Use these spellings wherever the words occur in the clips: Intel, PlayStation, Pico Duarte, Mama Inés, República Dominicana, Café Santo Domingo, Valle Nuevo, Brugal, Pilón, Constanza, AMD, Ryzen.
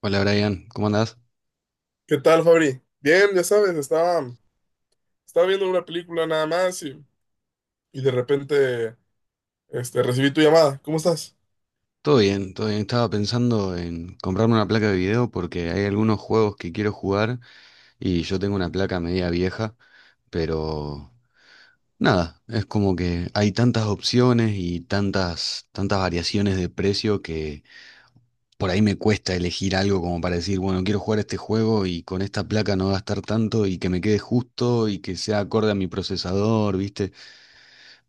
Hola Brian, ¿cómo andás? ¿Qué tal, Fabri? Bien, ya sabes, estaba viendo una película nada más y de repente recibí tu llamada. ¿Cómo estás? Todo bien, todo bien. Estaba pensando en comprarme una placa de video porque hay algunos juegos que quiero jugar y yo tengo una placa media vieja, pero nada, es como que hay tantas opciones y tantas variaciones de precio que por ahí me cuesta elegir algo como para decir, bueno, quiero jugar este juego y con esta placa no gastar tanto y que me quede justo y que sea acorde a mi procesador, ¿viste?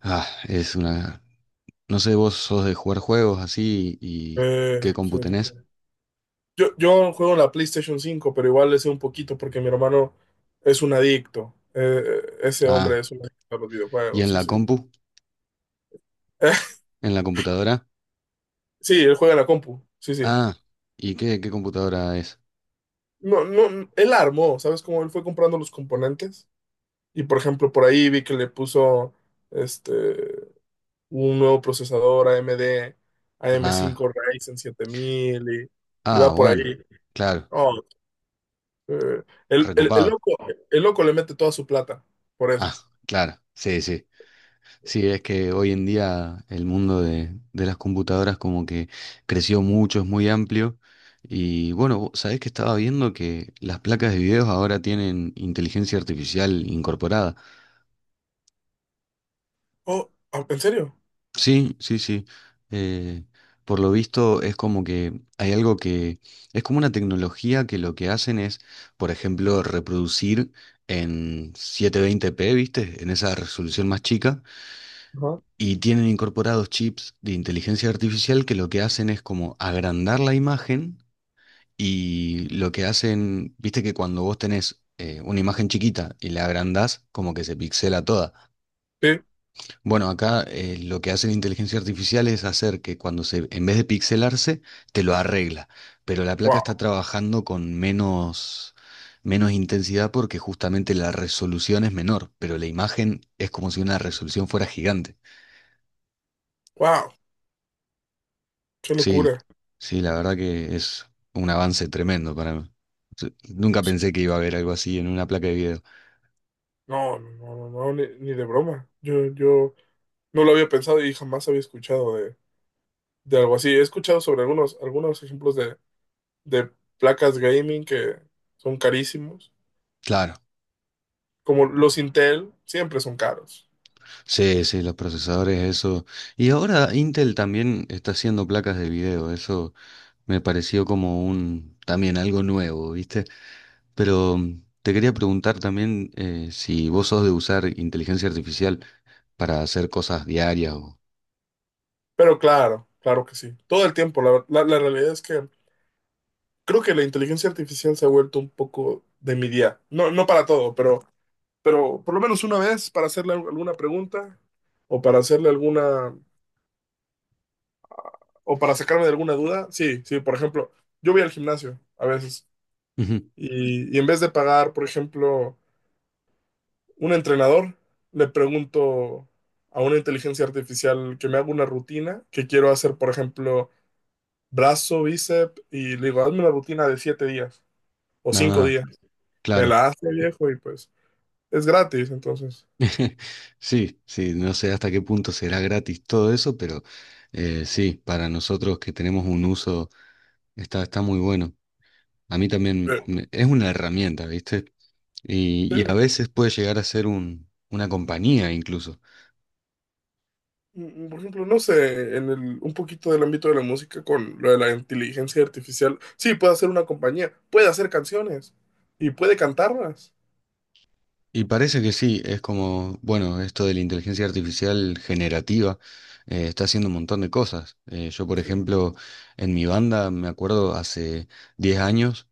Ah, es una no sé, vos sos de jugar juegos así y qué Eh, compu sí, sí, tenés. sí. Yo juego en la PlayStation cinco, pero igual le sé un poquito porque mi hermano es un adicto. Ese hombre Ah, es un adicto a los ¿y videojuegos, en sí, la sí. compu? ¿En la computadora? Sí, él juega en la compu, sí, sí. Ah, ¿y qué computadora es? No, no, él armó, ¿sabes cómo? Él fue comprando los componentes y, por ejemplo, por ahí vi que le puso, este, un nuevo procesador AMD, Ah, AM5 Ryzen 7000, y ah, va por bueno, ahí. claro, Oh, eh, el, el recopado. loco, el loco le mete toda su plata por Ah, eso. claro, sí, sí. Sí, es que hoy en día el mundo de las computadoras como que creció mucho, es muy amplio. Y bueno, vos ¿sabés que estaba viendo que las placas de videos ahora tienen inteligencia artificial incorporada? Oh, ¿En serio? Sí, sí, sí. Eh, por lo visto es como que hay algo que es como una tecnología que lo que hacen es, por ejemplo, reproducir en 720p, ¿viste? En esa resolución más chica. Ajá. Y tienen incorporados chips de inteligencia artificial que lo que hacen es como agrandar la imagen y lo que hacen, ¿viste? Que cuando vos tenés una imagen chiquita y la agrandás, como que se pixela toda. Sí. Bueno, acá lo que hace la inteligencia artificial es hacer que cuando se, en vez de pixelarse, te lo arregla. Pero la placa está Wow, trabajando con menos intensidad porque justamente la resolución es menor, pero la imagen es como si una resolución fuera gigante. wow, qué Sí, locura. sí, la verdad que es un avance tremendo para mí. Sí, nunca pensé que iba a haber algo así en una placa de video. No, no, no, no, no, ni, ni de broma. Yo no lo había pensado y jamás había escuchado de algo así. He escuchado sobre algunos, algunos ejemplos de placas gaming que son carísimos, Claro, como los Intel, siempre son caros. sí, sí, los procesadores, eso. Y ahora Intel también está haciendo placas de video, eso. Me pareció como un también algo nuevo, ¿viste? Pero te quería preguntar también si vos sos de usar inteligencia artificial para hacer cosas diarias Pero claro, claro que sí. Todo el tiempo. La, la realidad es que creo que la inteligencia artificial se ha vuelto un poco de mi día. No, no para todo, pero por lo menos una vez para hacerle alguna pregunta o para hacerle alguna o para sacarme de alguna duda. Sí, sí, por ejemplo, yo voy al gimnasio a veces Ujú. Y en vez de pagar, por ejemplo, un entrenador, le pregunto a una inteligencia artificial que me haga una rutina que quiero hacer, por ejemplo brazo, bíceps, y le digo, hazme la rutina de siete días o cinco Ah, días. Me claro. la hace viejo y pues es gratis, entonces. Sí, sí, no sé hasta qué punto será gratis todo eso, pero sí, para nosotros que tenemos un uso está muy bueno. A mí también Eh, es una herramienta, ¿viste? Y a eh, veces puede llegar a ser una compañía incluso. Por ejemplo, no sé, en el, un poquito del ámbito de la música con lo de la inteligencia artificial, sí, puede hacer una compañía, puede hacer canciones y puede cantarlas. Y parece que sí, es como, bueno, esto de la inteligencia artificial generativa está haciendo un montón de cosas. Yo, por Sí, ejemplo, en mi banda, me acuerdo hace 10 años,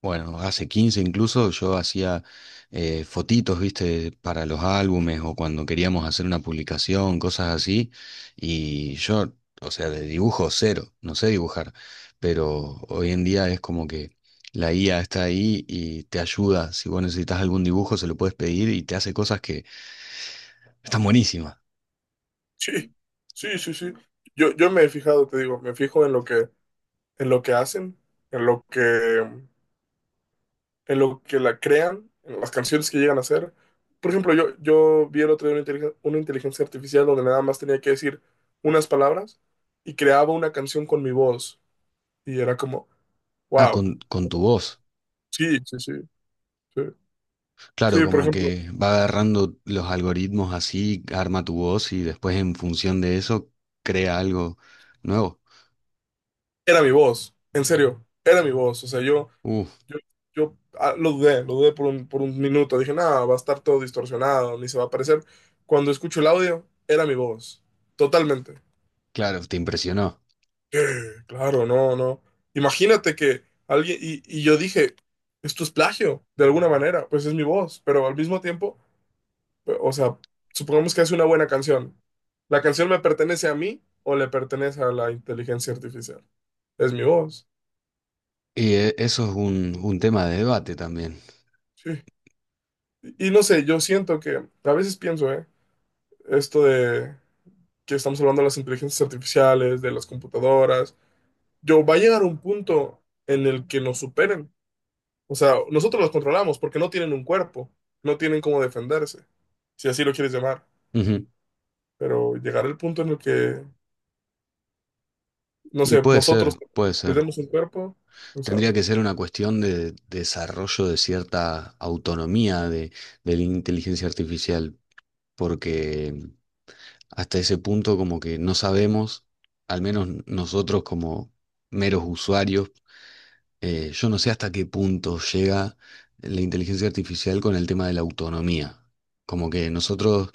bueno, hace 15 incluso yo hacía fotitos, viste, para los álbumes o cuando queríamos hacer una publicación, cosas así. Y yo, o sea, de dibujo cero, no sé dibujar, pero hoy en día es como que la IA está ahí y te ayuda. Si vos necesitas algún dibujo, se lo puedes pedir y te hace cosas que están buenísimas. sí, sí, sí, sí. Yo me he fijado, te digo, me fijo en lo que hacen, en lo que en lo que la crean, en las canciones que llegan a hacer. Por ejemplo, yo vi el otro día una una inteligencia artificial donde nada más tenía que decir unas palabras y creaba una canción con mi voz. Y era como, Ah, wow, con tu voz. sí, sí, sí, sí. Claro, Sí, por como ejemplo, que va agarrando los algoritmos así, arma tu voz y después en función de eso crea algo nuevo. era mi voz, en serio, era mi voz. O sea, yo, Uf, yo, lo dudé por un minuto. Dije, nada, va a estar todo distorsionado, ni se va a aparecer. Cuando escucho el audio, era mi voz, totalmente. claro, te impresionó. Claro, no, no. Imagínate que alguien, y yo dije, esto es plagio, de alguna manera, pues es mi voz, pero al mismo tiempo, o sea, supongamos que hace una buena canción. ¿La canción me pertenece a mí o le pertenece a la inteligencia artificial? Es mi voz, Y eso es un tema de debate también. sí. Y no sé, yo siento que, a veces pienso, ¿eh? Esto de que estamos hablando de las inteligencias artificiales, de las computadoras, yo va a llegar un punto en el que nos superen. O sea, nosotros los controlamos porque no tienen un cuerpo, no tienen cómo defenderse, si así lo quieres llamar. Ujú. Pero llegar el punto en el que, no Y sé, puede nosotros ser, puede les ser. demos un cuerpo, no Tendría sabe. que ser una cuestión de desarrollo de cierta autonomía de la inteligencia artificial, porque hasta ese punto como que no sabemos, al menos nosotros como meros usuarios. Yo no sé hasta qué punto llega la inteligencia artificial con el tema de la autonomía. Como que nosotros,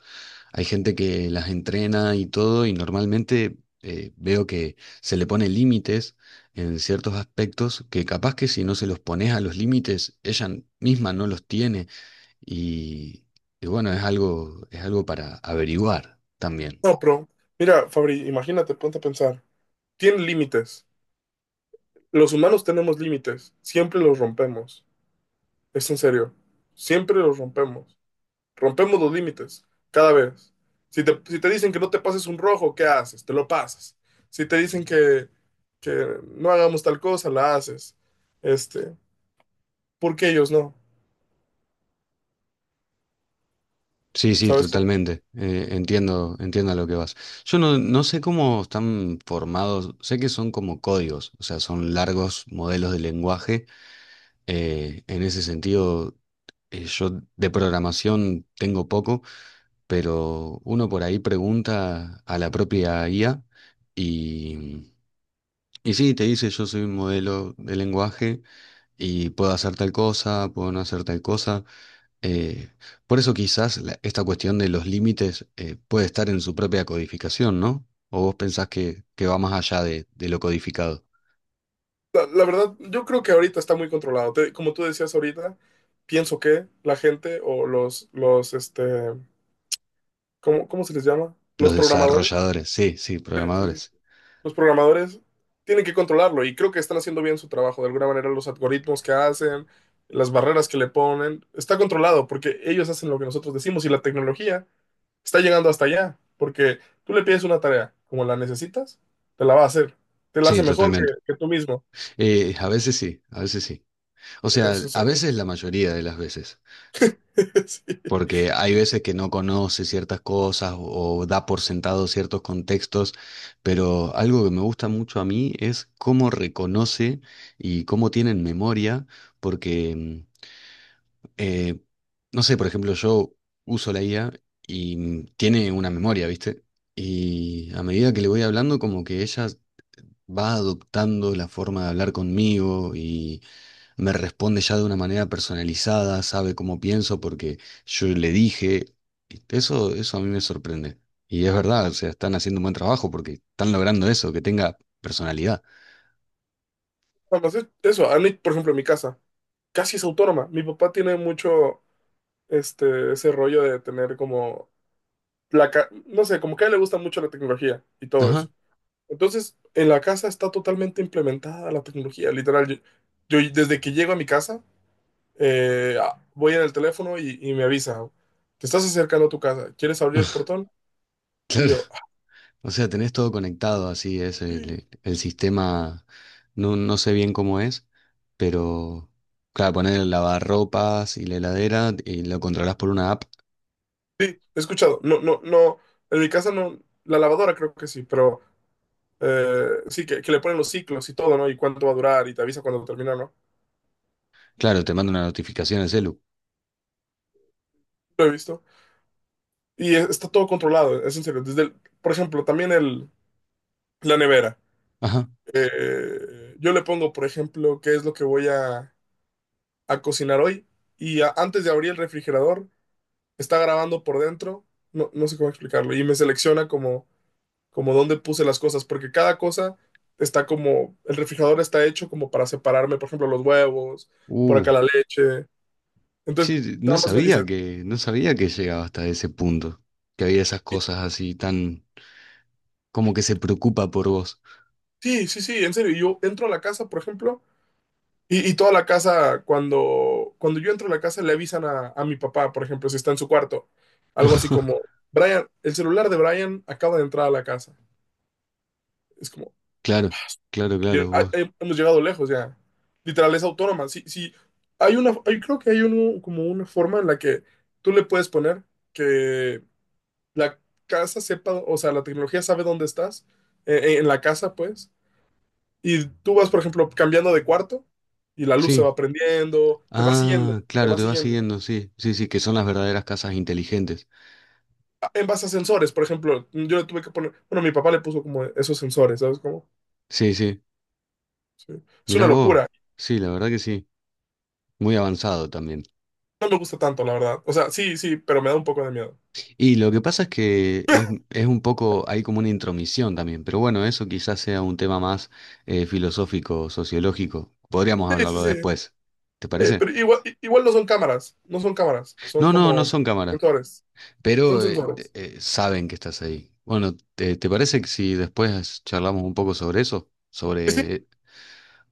hay gente que las entrena y todo, y normalmente veo que se le pone límites en ciertos aspectos que capaz que si no se los pones a los límites, ella misma no los tiene. Y, y bueno, es algo para averiguar también. No, pero mira, Fabri, imagínate, ponte a pensar. Tienen límites. Los humanos tenemos límites, siempre los rompemos. Es en serio, siempre los rompemos. Rompemos los límites cada vez. Si te dicen que no te pases un rojo, ¿qué haces? Te lo pasas. Si te dicen que no hagamos tal cosa, la haces. Este, ¿Por qué ellos no? Sí, sí, ¿Sabes cómo? totalmente. Entiendo, entiendo a lo que vas. Yo no sé cómo están formados, sé que son como códigos, o sea, son largos modelos de lenguaje. En ese sentido, yo de programación tengo poco, pero uno por ahí pregunta a la propia IA y, y sí, te dice, yo soy un modelo de lenguaje y puedo hacer tal cosa, puedo no hacer tal cosa. Eh, por eso quizás esta cuestión de los límites puede estar en su propia codificación, ¿no? ¿O vos pensás que va más allá de lo codificado? La verdad, yo creo que ahorita está muy controlado. Como tú decías ahorita, pienso que la gente o ¿cómo, cómo se les llama? Los Los programadores. desarrolladores, sí, sí, Sí, sí, sí. programadores. Los programadores tienen que controlarlo y creo que están haciendo bien su trabajo. De alguna manera, los algoritmos que hacen, las barreras que le ponen, está controlado porque ellos hacen lo que nosotros decimos y la tecnología está llegando hasta allá. Porque tú le pides una tarea como la necesitas, te la va a hacer. Te la Sí, hace mejor totalmente. que tú mismo. A veces sí, a veces sí. O sea, Eso es, a veces la mayoría de las veces. sí. Porque hay veces que no conoce ciertas cosas o da por sentado ciertos contextos, pero algo que me gusta mucho a mí es cómo reconoce y cómo tienen memoria, porque, mm, eh, no sé, por ejemplo, yo uso la IA y tiene una memoria, ¿viste? Y a medida que le voy hablando, como que ella va adoptando la forma de hablar conmigo y me responde ya de una manera personalizada, sabe cómo pienso porque yo le dije. Eso a mí me sorprende. Y es verdad, o sea, están haciendo un buen trabajo porque están logrando eso, que tenga personalidad. Además, eso, a mí, por ejemplo, en mi casa, casi es autónoma. Mi papá tiene mucho ese rollo de tener como, no sé, como que a él le gusta mucho la tecnología y todo Ajá, eso. Entonces, en la casa está totalmente implementada la tecnología, literal. Yo desde que llego a mi casa, voy en el teléfono y me avisa, te estás acercando a tu casa, ¿quieres abrir el portón? Y claro. yo, "Ah, O sea, tenés todo conectado, así es sí, el sí, sí, sistema, no sé bien cómo es, pero claro, poner el lavarropas y la heladera y lo controlás por una app. sí, he escuchado. No, no, no, en mi casa no, la lavadora creo que sí, pero sí, que le ponen los ciclos y todo, ¿no? Y cuánto va a durar y te avisa cuando termina, ¿no? Claro, te manda una notificación al celu. Lo he visto. Y está todo controlado, es en serio. Por ejemplo, también la nevera. Ajá. Yo le pongo, por ejemplo, qué es lo que voy a cocinar hoy. Y antes de abrir el refrigerador, está grabando por dentro. No, no sé cómo explicarlo. Y me selecciona como, como dónde puse las cosas. Porque cada cosa está como. El refrigerador está hecho como para separarme. Por ejemplo, los huevos. Por Uh, acá la leche. Entonces, sí, sí, no nada más me sabía dice. que, no sabía que llegaba hasta ese punto, que había esas cosas así tan, como que se preocupa por vos. Sí, sí, sí, en serio. Y yo entro a la casa, por ejemplo. Y toda la casa, cuando yo entro a la casa, le avisan a mi papá, por ejemplo, si está en su cuarto. Algo así como, Brian, el celular de Brian acaba de entrar a la casa. Es como, Claro, claro, claro, vos. Hemos llegado lejos ya. Literal, es autónoma. Sí, sí, hay una, creo que hay uno, como una forma en la que tú le puedes poner que la casa sepa, o sea, la tecnología sabe dónde estás, en la casa, pues. Y tú vas, por ejemplo, cambiando de cuarto y la luz se Sí. va prendiendo, te va siguiendo, Ah, te claro, va te va siguiendo, siguiendo, sí, sí, sí, que son las verdaderas casas inteligentes. en base a sensores, por ejemplo, yo le tuve que poner, bueno, mi papá le puso como esos sensores, ¿sabes cómo? Sí, sí. Sí. Es Mirá una vos, locura. sí, la verdad que sí, muy avanzado también. No me gusta tanto, la verdad. O sea, sí, sí, pero me da un poco de miedo. Y lo que pasa es que es, es un poco, hay como una intromisión también, pero bueno, eso quizás sea un tema más filosófico, sociológico. Podríamos Sí, sí, hablarlo sí. después, ¿te parece? Pero igual, igual no son cámaras, no son cámaras, son No, no, no como son cámaras, sensores, son pero sensores. Saben que estás ahí. Bueno, ¿te parece que si después charlamos un poco sobre eso? Sí, sí.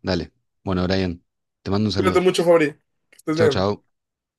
Dale. Bueno, Brian, te mando un Cuídate saludo. mucho, Fabri. Que estés Chau, bien. chau.